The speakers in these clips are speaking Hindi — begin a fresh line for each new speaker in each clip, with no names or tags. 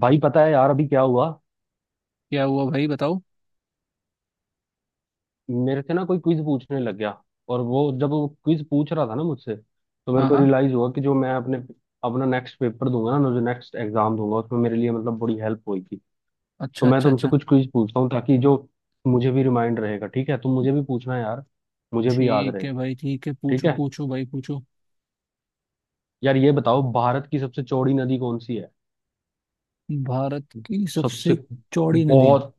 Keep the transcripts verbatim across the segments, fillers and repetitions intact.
भाई पता है यार, अभी क्या हुआ।
क्या हुआ भाई? बताओ।
मेरे से ना कोई क्विज पूछने लग गया। और वो, जब वो क्विज पूछ रहा था ना मुझसे, तो मेरे
हाँ,
को
हाँ।
रियलाइज हुआ कि जो मैं अपने अपना नेक्स्ट पेपर दूंगा ना, जो नेक्स्ट एग्जाम दूंगा, उसमें मेरे लिए मतलब बड़ी हेल्प होगी। तो
अच्छा,
मैं
अच्छा,
तुमसे
अच्छा।
कुछ क्विज पूछता हूँ, ताकि जो मुझे भी रिमाइंड रहेगा। ठीक है, तुम मुझे भी पूछना यार, मुझे भी याद
ठीक
रहे।
है भाई, ठीक है।
ठीक
पूछो,
है।
पूछो भाई, पूछो।
यार ये बताओ, भारत की सबसे चौड़ी नदी कौन सी है।
भारत की
सबसे
सबसे चौड़ी नदी
बहुत,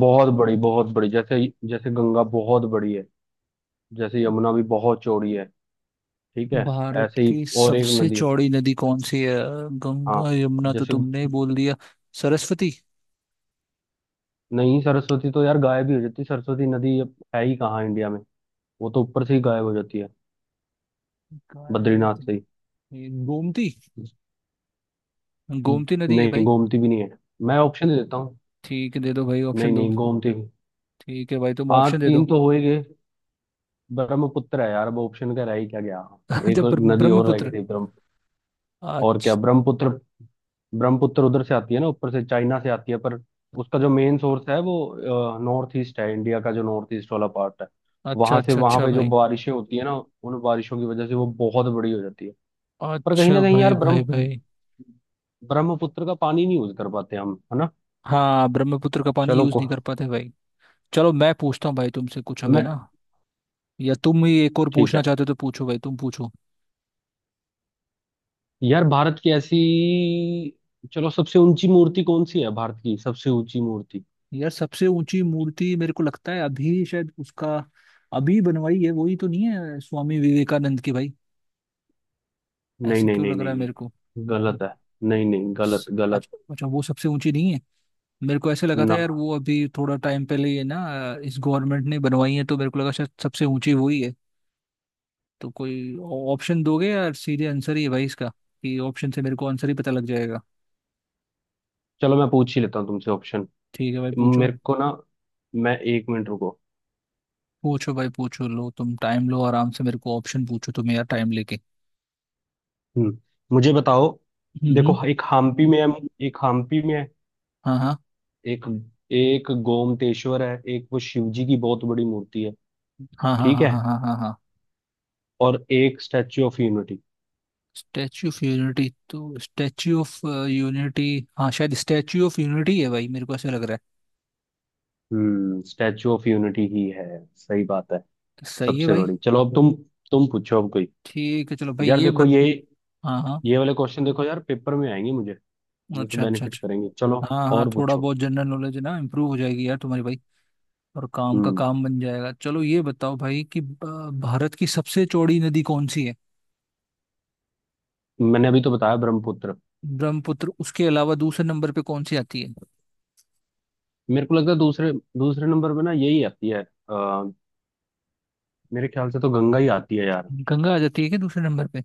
बहुत बड़ी बहुत बड़ी, जैसे जैसे गंगा बहुत बड़ी है, जैसे यमुना भी बहुत चौड़ी है। ठीक है।
भारत
ऐसे ही
की
और एक
सबसे
नदी है।
चौड़ी नदी कौन सी है?
हाँ,
गंगा यमुना तो
जैसे।
तुमने ही बोल दिया। सरस्वती।
नहीं, सरस्वती तो यार गायब ही हो जाती है। सरस्वती नदी अब है ही कहाँ इंडिया में। वो तो ऊपर से ही गायब हो जाती है, बद्रीनाथ
गायत्री।
से ही।
ये गोमती गोमती नदी है
नहीं,
भाई।
गोमती भी नहीं है। मैं ऑप्शन दे देता हूँ।
ठीक है, दे दो भाई,
नहीं
ऑप्शन दो।
नहीं, गोमती भी।
ठीक है भाई, तुम
हाँ,
ऑप्शन दे
तीन
दो।
तो हो ही गए। ब्रह्मपुत्र है यार, अब ऑप्शन का रह ही क्या गया।
अच्छा,
एक और
ब्रह्म-
नदी और रह गई
ब्रह्मपुत्र।
थी, ब्रह्म। और
अच्छा,
क्या, ब्रह्मपुत्र। ब्रह्मपुत्र उधर से आती है ना, ऊपर से चाइना से आती है, पर उसका जो मेन सोर्स है वो नॉर्थ ईस्ट है, इंडिया का जो नॉर्थ ईस्ट वाला पार्ट है,
अच्छा,
वहां से।
अच्छा,
वहां
अच्छा
पे जो
भाई।
बारिशें होती है ना, उन बारिशों की वजह से वो बहुत बड़ी हो जाती है। पर कहीं
अच्छा
ना कहीं यार,
भाई, भाई,
ब्रह्म
भाई।
ब्रह्मपुत्र का पानी नहीं यूज कर पाते हम, है ना।
हाँ, ब्रह्मपुत्र का पानी
चलो
यूज
को,
नहीं कर पाते भाई। चलो मैं पूछता हूँ भाई तुमसे कुछ अब, है
मैं
ना? या तुम ही एक और
ठीक
पूछना
है।
चाहते हो तो पूछो भाई, तुम पूछो।
यार भारत की ऐसी, चलो सबसे ऊंची मूर्ति कौन सी है, भारत की सबसे ऊंची मूर्ति।
यार सबसे ऊंची मूर्ति, मेरे को लगता है अभी शायद उसका अभी बनवाई है, वही तो नहीं है स्वामी विवेकानंद की भाई?
नहीं
ऐसे
नहीं
क्यों
नहीं
लग रहा
नहीं
है मेरे को?
नहीं गलत है, नहीं नहीं, गलत
स-
गलत।
अच्छा, अच्छा, वो सबसे ऊंची नहीं है। मेरे को ऐसे लगा था
ना,
यार, वो अभी थोड़ा टाइम पहले ये ना, इस गवर्नमेंट ने बनवाई है, तो मेरे को लगा शायद सबसे ऊंची वही है। तो कोई ऑप्शन दोगे यार? सीधे आंसर ही है भाई इसका, कि ऑप्शन से मेरे को आंसर ही पता लग जाएगा।
चलो मैं पूछ ही लेता हूँ तुमसे ऑप्शन।
ठीक है भाई, पूछो।
मेरे को ना, मैं एक मिनट, रुको।
पूछो भाई, पूछो। लो तुम टाइम लो आराम से, मेरे को ऑप्शन पूछो तुम यार, टाइम लेके।
हम्म मुझे बताओ।
हम्म,
देखो,
हम्म।
एक हम्पी में है एक हम्पी में है
हाँ, हाँ,
एक एक गोमतेश्वर है, एक वो शिव जी की बहुत बड़ी मूर्ति है।
हाँ, हाँ,
ठीक
हाँ,
है।
हाँ, हाँ, हाँ, हाँ।
और एक Statue of Unity.
Statue of Unity तो स्टैच्यू ऑफ यूनिटी। हाँ, शायद स्टैच्यू ऑफ यूनिटी है भाई, मेरे को ऐसा लग रहा है।
हम्म, स्टैच्यू ऑफ यूनिटी ही है। सही बात है।
तो सही है
सबसे
भाई।
बड़ी, चलो अब तुम तुम पूछो अब कोई।
ठीक है, चलो भाई
यार
ये
देखो
बत
ये
हाँ, हाँ।
ये वाले क्वेश्चन देखो यार, पेपर में आएंगे मुझे, ये तो
अच्छा, अच्छा,
बेनिफिट
अच्छा।
करेंगे। चलो
हाँ, हाँ,
और
थोड़ा
पूछो।
बहुत जनरल नॉलेज है ना, इम्प्रूव हो जाएगी यार तुम्हारी भाई। और काम का
हम्म।
काम बन जाएगा। चलो ये बताओ भाई कि अ, भारत की सबसे चौड़ी नदी कौन सी है?
मैंने अभी तो बताया, ब्रह्मपुत्र।
ब्रह्मपुत्र उसके अलावा दूसरे नंबर पे कौन सी आती है?
मेरे को लगता है दूसरे, दूसरे नंबर पे ना यही आती है। आ, मेरे ख्याल से तो गंगा ही आती है यार।
गंगा आ जाती है क्या दूसरे नंबर पे?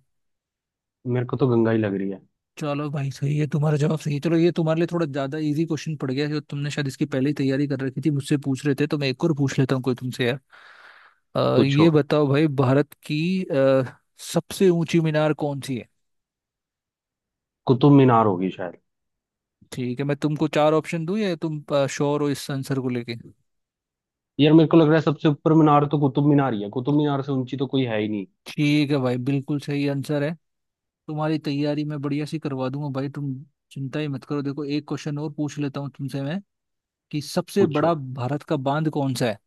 मेरे को तो गंगा ही लग रही है।
चलो भाई, सही है, तुम्हारा जवाब सही है। चलो ये तुम्हारे लिए थोड़ा ज्यादा इजी क्वेश्चन पड़ गया है, जो तुमने शायद इसकी पहले ही तैयारी कर रखी थी मुझसे पूछ रहे थे, तो मैं एक और पूछ लेता हूँ कोई तुमसे यार। अ,
पूछो।
ये बताओ भाई भारत की अ, सबसे ऊंची मीनार कौन सी है?
कुतुब मीनार होगी शायद।
ठीक है, मैं तुमको चार ऑप्शन दूं या तुम अ, श्योर हो इस आंसर को लेके?
यार मेरे को लग रहा है, सबसे ऊपर मीनार तो कुतुब मीनार ही है, कुतुब मीनार से ऊंची तो कोई है ही नहीं।
ठीक है भाई, बिल्कुल सही आंसर है। तुम्हारी तैयारी मैं बढ़िया सी करवा दूंगा भाई, तुम चिंता ही मत करो। देखो, एक क्वेश्चन और पूछ लेता हूँ तुमसे मैं, कि सबसे
पूछो।
बड़ा भारत का बांध कौन सा है।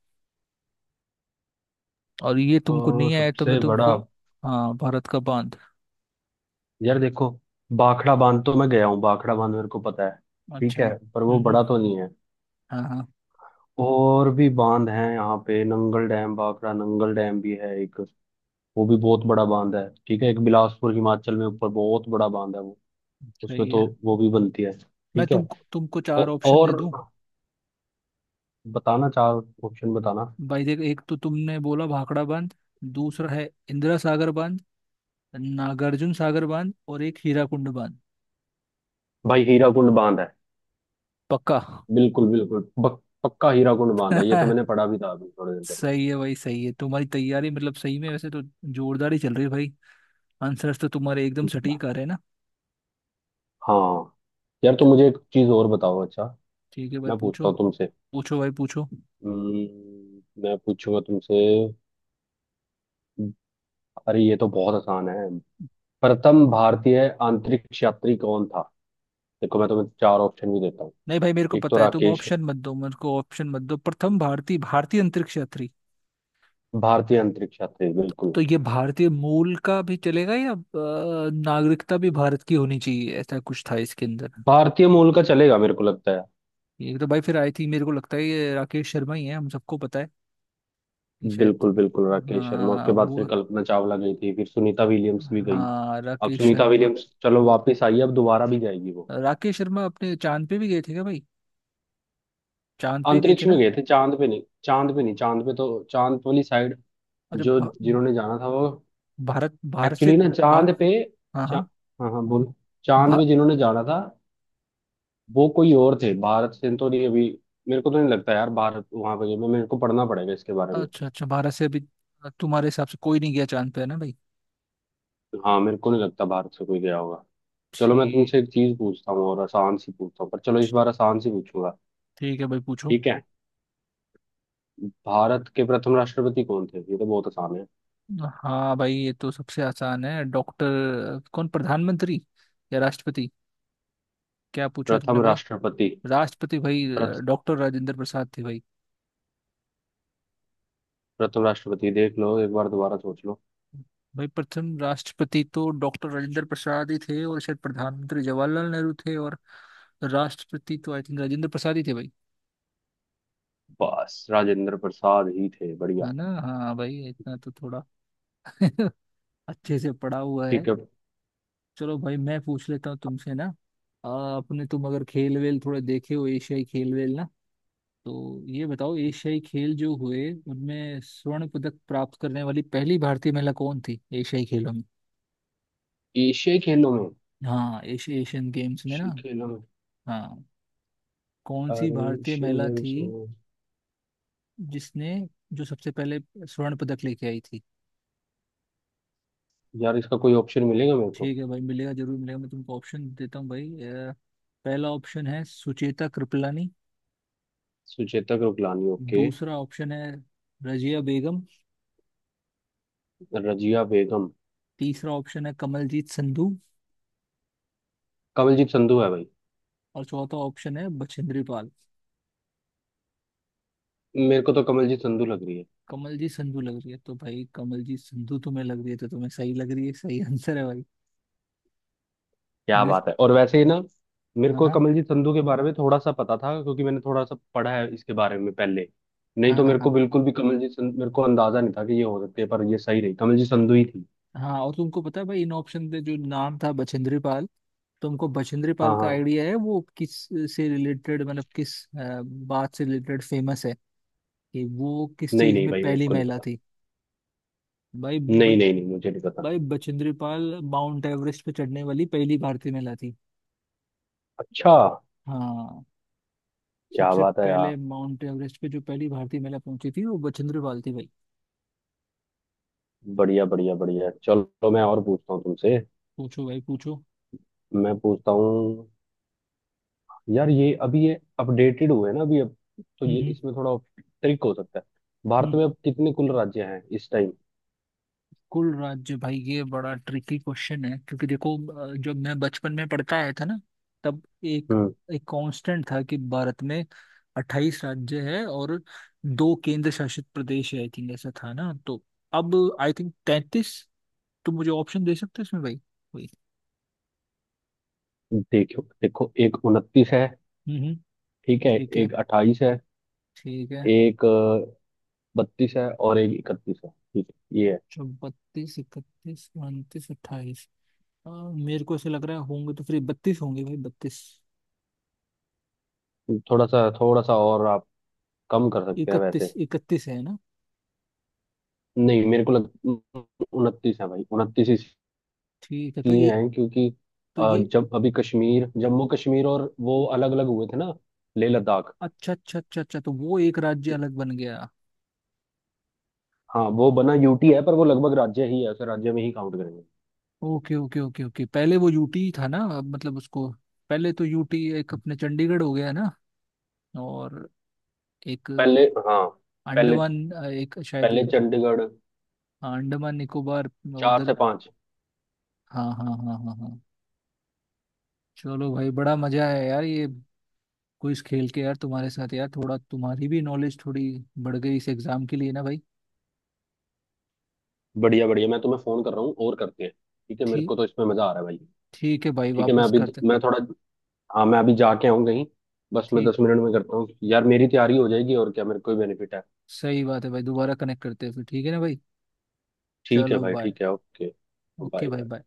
और ये तुमको
तो
नहीं आया तो मैं
सबसे
तुमको।
बड़ा,
हाँ, भारत का बांध।
यार देखो, भाखड़ा बांध तो मैं गया हूँ, भाखड़ा बांध मेरे को पता है। ठीक
अच्छा,
है। पर
हम्म,
वो
हम्म।
बड़ा तो नहीं है।
हाँ, हाँ,
और भी बांध हैं यहाँ पे, नंगल डैम, भाखड़ा नंगल डैम भी है एक, वो भी बहुत बड़ा बांध है। ठीक है। एक बिलासपुर हिमाचल में ऊपर बहुत बड़ा बांध है, वो उसमें
सही
तो
है।
वो भी बनती है।
मैं
ठीक है।
तुमको तुमको चार
औ,
ऑप्शन दे
और
दूं?
बताना, चार ऑप्शन बताना।
भाई देख, एक तो तुमने बोला भाखड़ा बांध। दूसरा है इंदिरा सागर बांध। नागार्जुन सागर बांध, और एक हीराकुंड बांध।
भाई हीरा कुंड बांध है।
पक्का?
बिल्कुल बिल्कुल, पक- पक्का हीरा कुंड बांध है। ये तो मैंने पढ़ा भी था अभी थोड़ी देर पहले।
सही है भाई, सही है। तुम्हारी तैयारी मतलब सही में वैसे तो जोरदार ही चल रही है भाई। आंसर्स तो तुम्हारे एकदम
बा-
सटीक आ रहे हैं ना?
हाँ। यार तो
चो-
मुझे एक चीज और बताओ, अच्छा।
ठीक है भाई,
मैं पूछता
पूछो।
हूँ तुमसे।
पूछो भाई, पूछो।
हम्म, मैं पूछूंगा तुमसे। अरे ये तो बहुत आसान है। प्रथम भारतीय अंतरिक्ष यात्री कौन था। देखो मैं तुम्हें चार ऑप्शन भी देता हूँ।
नहीं भाई, मेरे को
एक तो
पता है, तुम
राकेश,
ऑप्शन मत दो, मेरे को ऑप्शन मत दो। प्रथम भारतीय भारतीय अंतरिक्ष यात्री।
भारतीय अंतरिक्ष यात्री, बिल्कुल।
तो ये भारतीय मूल का भी चलेगा या अ, नागरिकता भी भारत की होनी चाहिए, ऐसा कुछ था इसके अंदर?
भारतीय मूल का चलेगा, मेरे को लगता है।
ये तो भाई फिर आई थी, मेरे को लगता है ये राकेश शर्मा ही है, हम सबको पता है। ये शायद।
बिल्कुल बिल्कुल, राकेश शर्मा।
हाँ
उसके बाद फिर
वो।
कल्पना चावला गई थी, फिर सुनीता विलियम्स भी गई।
हाँ,
अब
राकेश
सुनीता
शर्मा।
विलियम्स चलो वापस आई है, अब दोबारा भी जाएगी वो।
राकेश शर्मा अपने चांद पे भी गए थे क्या भाई? चांद पे गए थे
अंतरिक्ष
ना?
में गए थे, चांद पे नहीं, चांद पे नहीं। चांद पे तो चांद वाली साइड
अच्छा
जो
भा,
जिन्होंने जाना था वो,
भारत भारत से
एक्चुअली ना,
भा,
चांद पे।
हाँ,
चा,
हाँ।
हाँ हाँ, बोल। चांद
भा,
पे जिन्होंने जाना था, वो कोई और थे, भारत से तो नहीं अभी। मेरे को तो नहीं लगता यार भारत वहां पे गए, मैं, मेरे को पढ़ना पड़ेगा इसके बारे में।
अच्छा, अच्छा, भारत से अभी तुम्हारे हिसाब से कोई नहीं गया चांद पे, है ना भाई?
हाँ, मेरे को नहीं लगता भारत से कोई गया होगा। चलो मैं
ठीक।
तुमसे एक चीज पूछता हूँ, और आसान सी पूछता हूँ, पर चलो इस बार आसान सी पूछूंगा।
ठीक है भाई, पूछो।
ठीक है। भारत के प्रथम राष्ट्रपति कौन थे, ये तो बहुत आसान है।
हाँ भाई, ये तो सबसे आसान है। डॉक्टर, कौन, प्रधानमंत्री या राष्ट्रपति? क्या पूछा तुमने
प्रथम
भाई?
राष्ट्रपति।
राष्ट्रपति भाई।
प्रथ,
डॉक्टर राजेंद्र प्रसाद थे भाई।
प्रथम राष्ट्रपति, देख लो एक बार, दोबारा सोच लो।
भाई प्रथम राष्ट्रपति तो डॉक्टर राजेंद्र प्रसाद ही थे, और शायद प्रधानमंत्री जवाहरलाल नेहरू थे, और राष्ट्रपति तो आई थिंक राजेंद्र प्रसाद ही थे भाई।
बस, राजेंद्र प्रसाद ही थे,
है
बढ़िया।
ना? हाँ भाई, इतना तो थोड़ा अच्छे से पढ़ा हुआ है।
ठीक है।
चलो भाई, मैं पूछ लेता हूँ तुमसे ना। आ, अपने तुम अगर खेल वेल थोड़े देखे हो, एशियाई खेल वेल ना, तो ये बताओ एशियाई खेल जो हुए उनमें स्वर्ण पदक प्राप्त करने वाली पहली भारतीय महिला कौन थी एशियाई खेलों में?
एशियाई खेलों में,
हाँ, एशिया एशियन गेम्स में ना।
एशियाई खेलों में,
हाँ। कौन सी
अरे
भारतीय
एशियन
महिला
गेम्स
थी
में।
जिसने, जो सबसे पहले स्वर्ण पदक लेके आई थी?
यार इसका कोई ऑप्शन मिलेगा मेरे को।
ठीक है भाई, मिलेगा, जरूर मिलेगा, मैं तुमको ऑप्शन देता हूँ भाई। अ, पहला ऑप्शन है सुचेता कृपलानी।
सुचेतक रुकलानी, ओके।
दूसरा ऑप्शन है रजिया बेगम।
रजिया बेगम।
तीसरा ऑप्शन है कमलजीत संधू।
कमलजीत संधू है भाई।
और चौथा ऑप्शन है बछेंद्री पाल।
मेरे को तो कमलजीत संधू लग रही है।
कमलजीत संधू लग रही है तो भाई, कमलजीत संधू तुम्हें लग रही है तो तुम्हें सही लग रही है, सही आंसर है भाई।
क्या
बेस्ट।
बात है। और वैसे ही ना, मेरे
हाँ,
को
हाँ,
कमलजीत संधू के बारे में थोड़ा सा पता था, क्योंकि मैंने थोड़ा सा पढ़ा है इसके बारे में पहले। नहीं
हाँ,
तो
हाँ,
मेरे को
हाँ,
बिल्कुल भी कमलजीत संधू, मेरे को अंदाजा नहीं था कि ये हो सकती है, पर ये सही रही, कमलजीत संधू ही थी।
हाँ। और तुमको पता है भाई, इन ऑप्शन पे जो नाम था बचेंद्री पाल, तुमको बचेंद्री पाल
हाँ
का
हाँ।
आइडिया है वो किस से रिलेटेड, मतलब किस अ, बात से रिलेटेड फेमस है, कि वो किस
नहीं
चीज
नहीं
में
भाई, मेरे
पहली
को नहीं
महिला
पता।
थी? भाई ब,
नहीं नहीं नहीं, मुझे नहीं पता।
भाई, बचेंद्री पाल माउंट एवरेस्ट पे चढ़ने वाली पहली भारतीय महिला थी।
अच्छा,
हाँ।
क्या
सबसे
बात है यार।
पहले माउंट एवरेस्ट पे जो पहली भारतीय महिला पहुंची थी वो बचेंद्री पाल थी भाई।
बढ़िया बढ़िया बढ़िया, चलो मैं और पूछता हूँ तुमसे।
पूछो भाई, पूछो।
मैं पूछता हूँ। यार ये अभी ये अपडेटेड हुए ना अभी अब, तो ये
हम्म,
इसमें थोड़ा ट्रिक हो सकता है। भारत में
हम्म।
अब कितने कुल राज्य हैं इस टाइम।
कुल राज्य भाई, ये बड़ा ट्रिकी क्वेश्चन है, क्योंकि देखो अ, जब मैं बचपन में पढ़ता आया था ना, तब एक एक कांस्टेंट था कि भारत में अट्ठाईस राज्य है और दो केंद्र शासित प्रदेश है, आई थिंक ऐसा था ना। तो अब आई थिंक तैतीस। तो मुझे ऑप्शन दे सकते हो इसमें भाई, वही।
देखो देखो, एक उनतीस है,
हम्म, हम्म।
ठीक है,
ठीक है।
एक अट्ठाईस है,
ठीक है।
एक बत्तीस है, और एक इकतीस है। ठीक है ये।
तो बत्तीस, इकतीस, उनतीस, अट्ठाईस, मेरे को ऐसे लग रहा है होंगे तो फिर बत्तीस होंगे भाई, बत्तीस।
है थोड़ा सा, थोड़ा सा और आप कम कर सकते हैं
इकतीस,
वैसे।
इकतीस है ना?
नहीं मेरे को लग, उनतीस है भाई, उनतीस
ठीक है। तो ये,
इसलिए है क्योंकि
तो
अ,
ये
जब अभी कश्मीर, जम्मू कश्मीर और वो अलग अलग हुए थे ना, लेह लद्दाख।
अच्छा, अच्छा, अच्छा, अच्छा, तो वो एक राज्य अलग बन गया।
हाँ वो बना यूटी है, पर वो लगभग राज्य ही है, उसे राज्य में ही काउंट करेंगे।
ओके, ओके, ओके, ओके, पहले वो यूटी था ना, अब मतलब उसको, पहले तो यूटी एक अपने चंडीगढ़ हो गया ना, और एक
पहले, हाँ पहले,
अंडमान, एक शायद,
पहले चंडीगढ़,
हाँ, अंडमान निकोबार
चार
उधर।
से पांच
हाँ, हाँ, हाँ, हाँ, हाँ। चलो भाई, बड़ा मजा है यार ये क्विज खेल के यार तुम्हारे साथ यार, थोड़ा तुम्हारी भी नॉलेज थोड़ी बढ़ गई इस एग्जाम के लिए ना भाई।
बढ़िया बढ़िया। मैं तुम्हें फोन कर रहा हूँ और करते हैं, ठीक है, मेरे
ठीक।
को तो इसमें मजा आ रहा है भाई।
ठीक है भाई,
ठीक है मैं
वापस
अभी,
करते।
मैं थोड़ा, हाँ मैं अभी जाके आऊँ कहीं, बस मैं
ठीक।
दस मिनट में करता हूँ, यार मेरी तैयारी हो जाएगी, और क्या, मेरे को ही बेनिफिट है।
सही बात है भाई, दोबारा कनेक्ट करते हैं फिर, ठीक है ना भाई?
ठीक है
चलो,
भाई,
बाय।
ठीक है, ओके,
ओके
बाय।
भाई, बाय।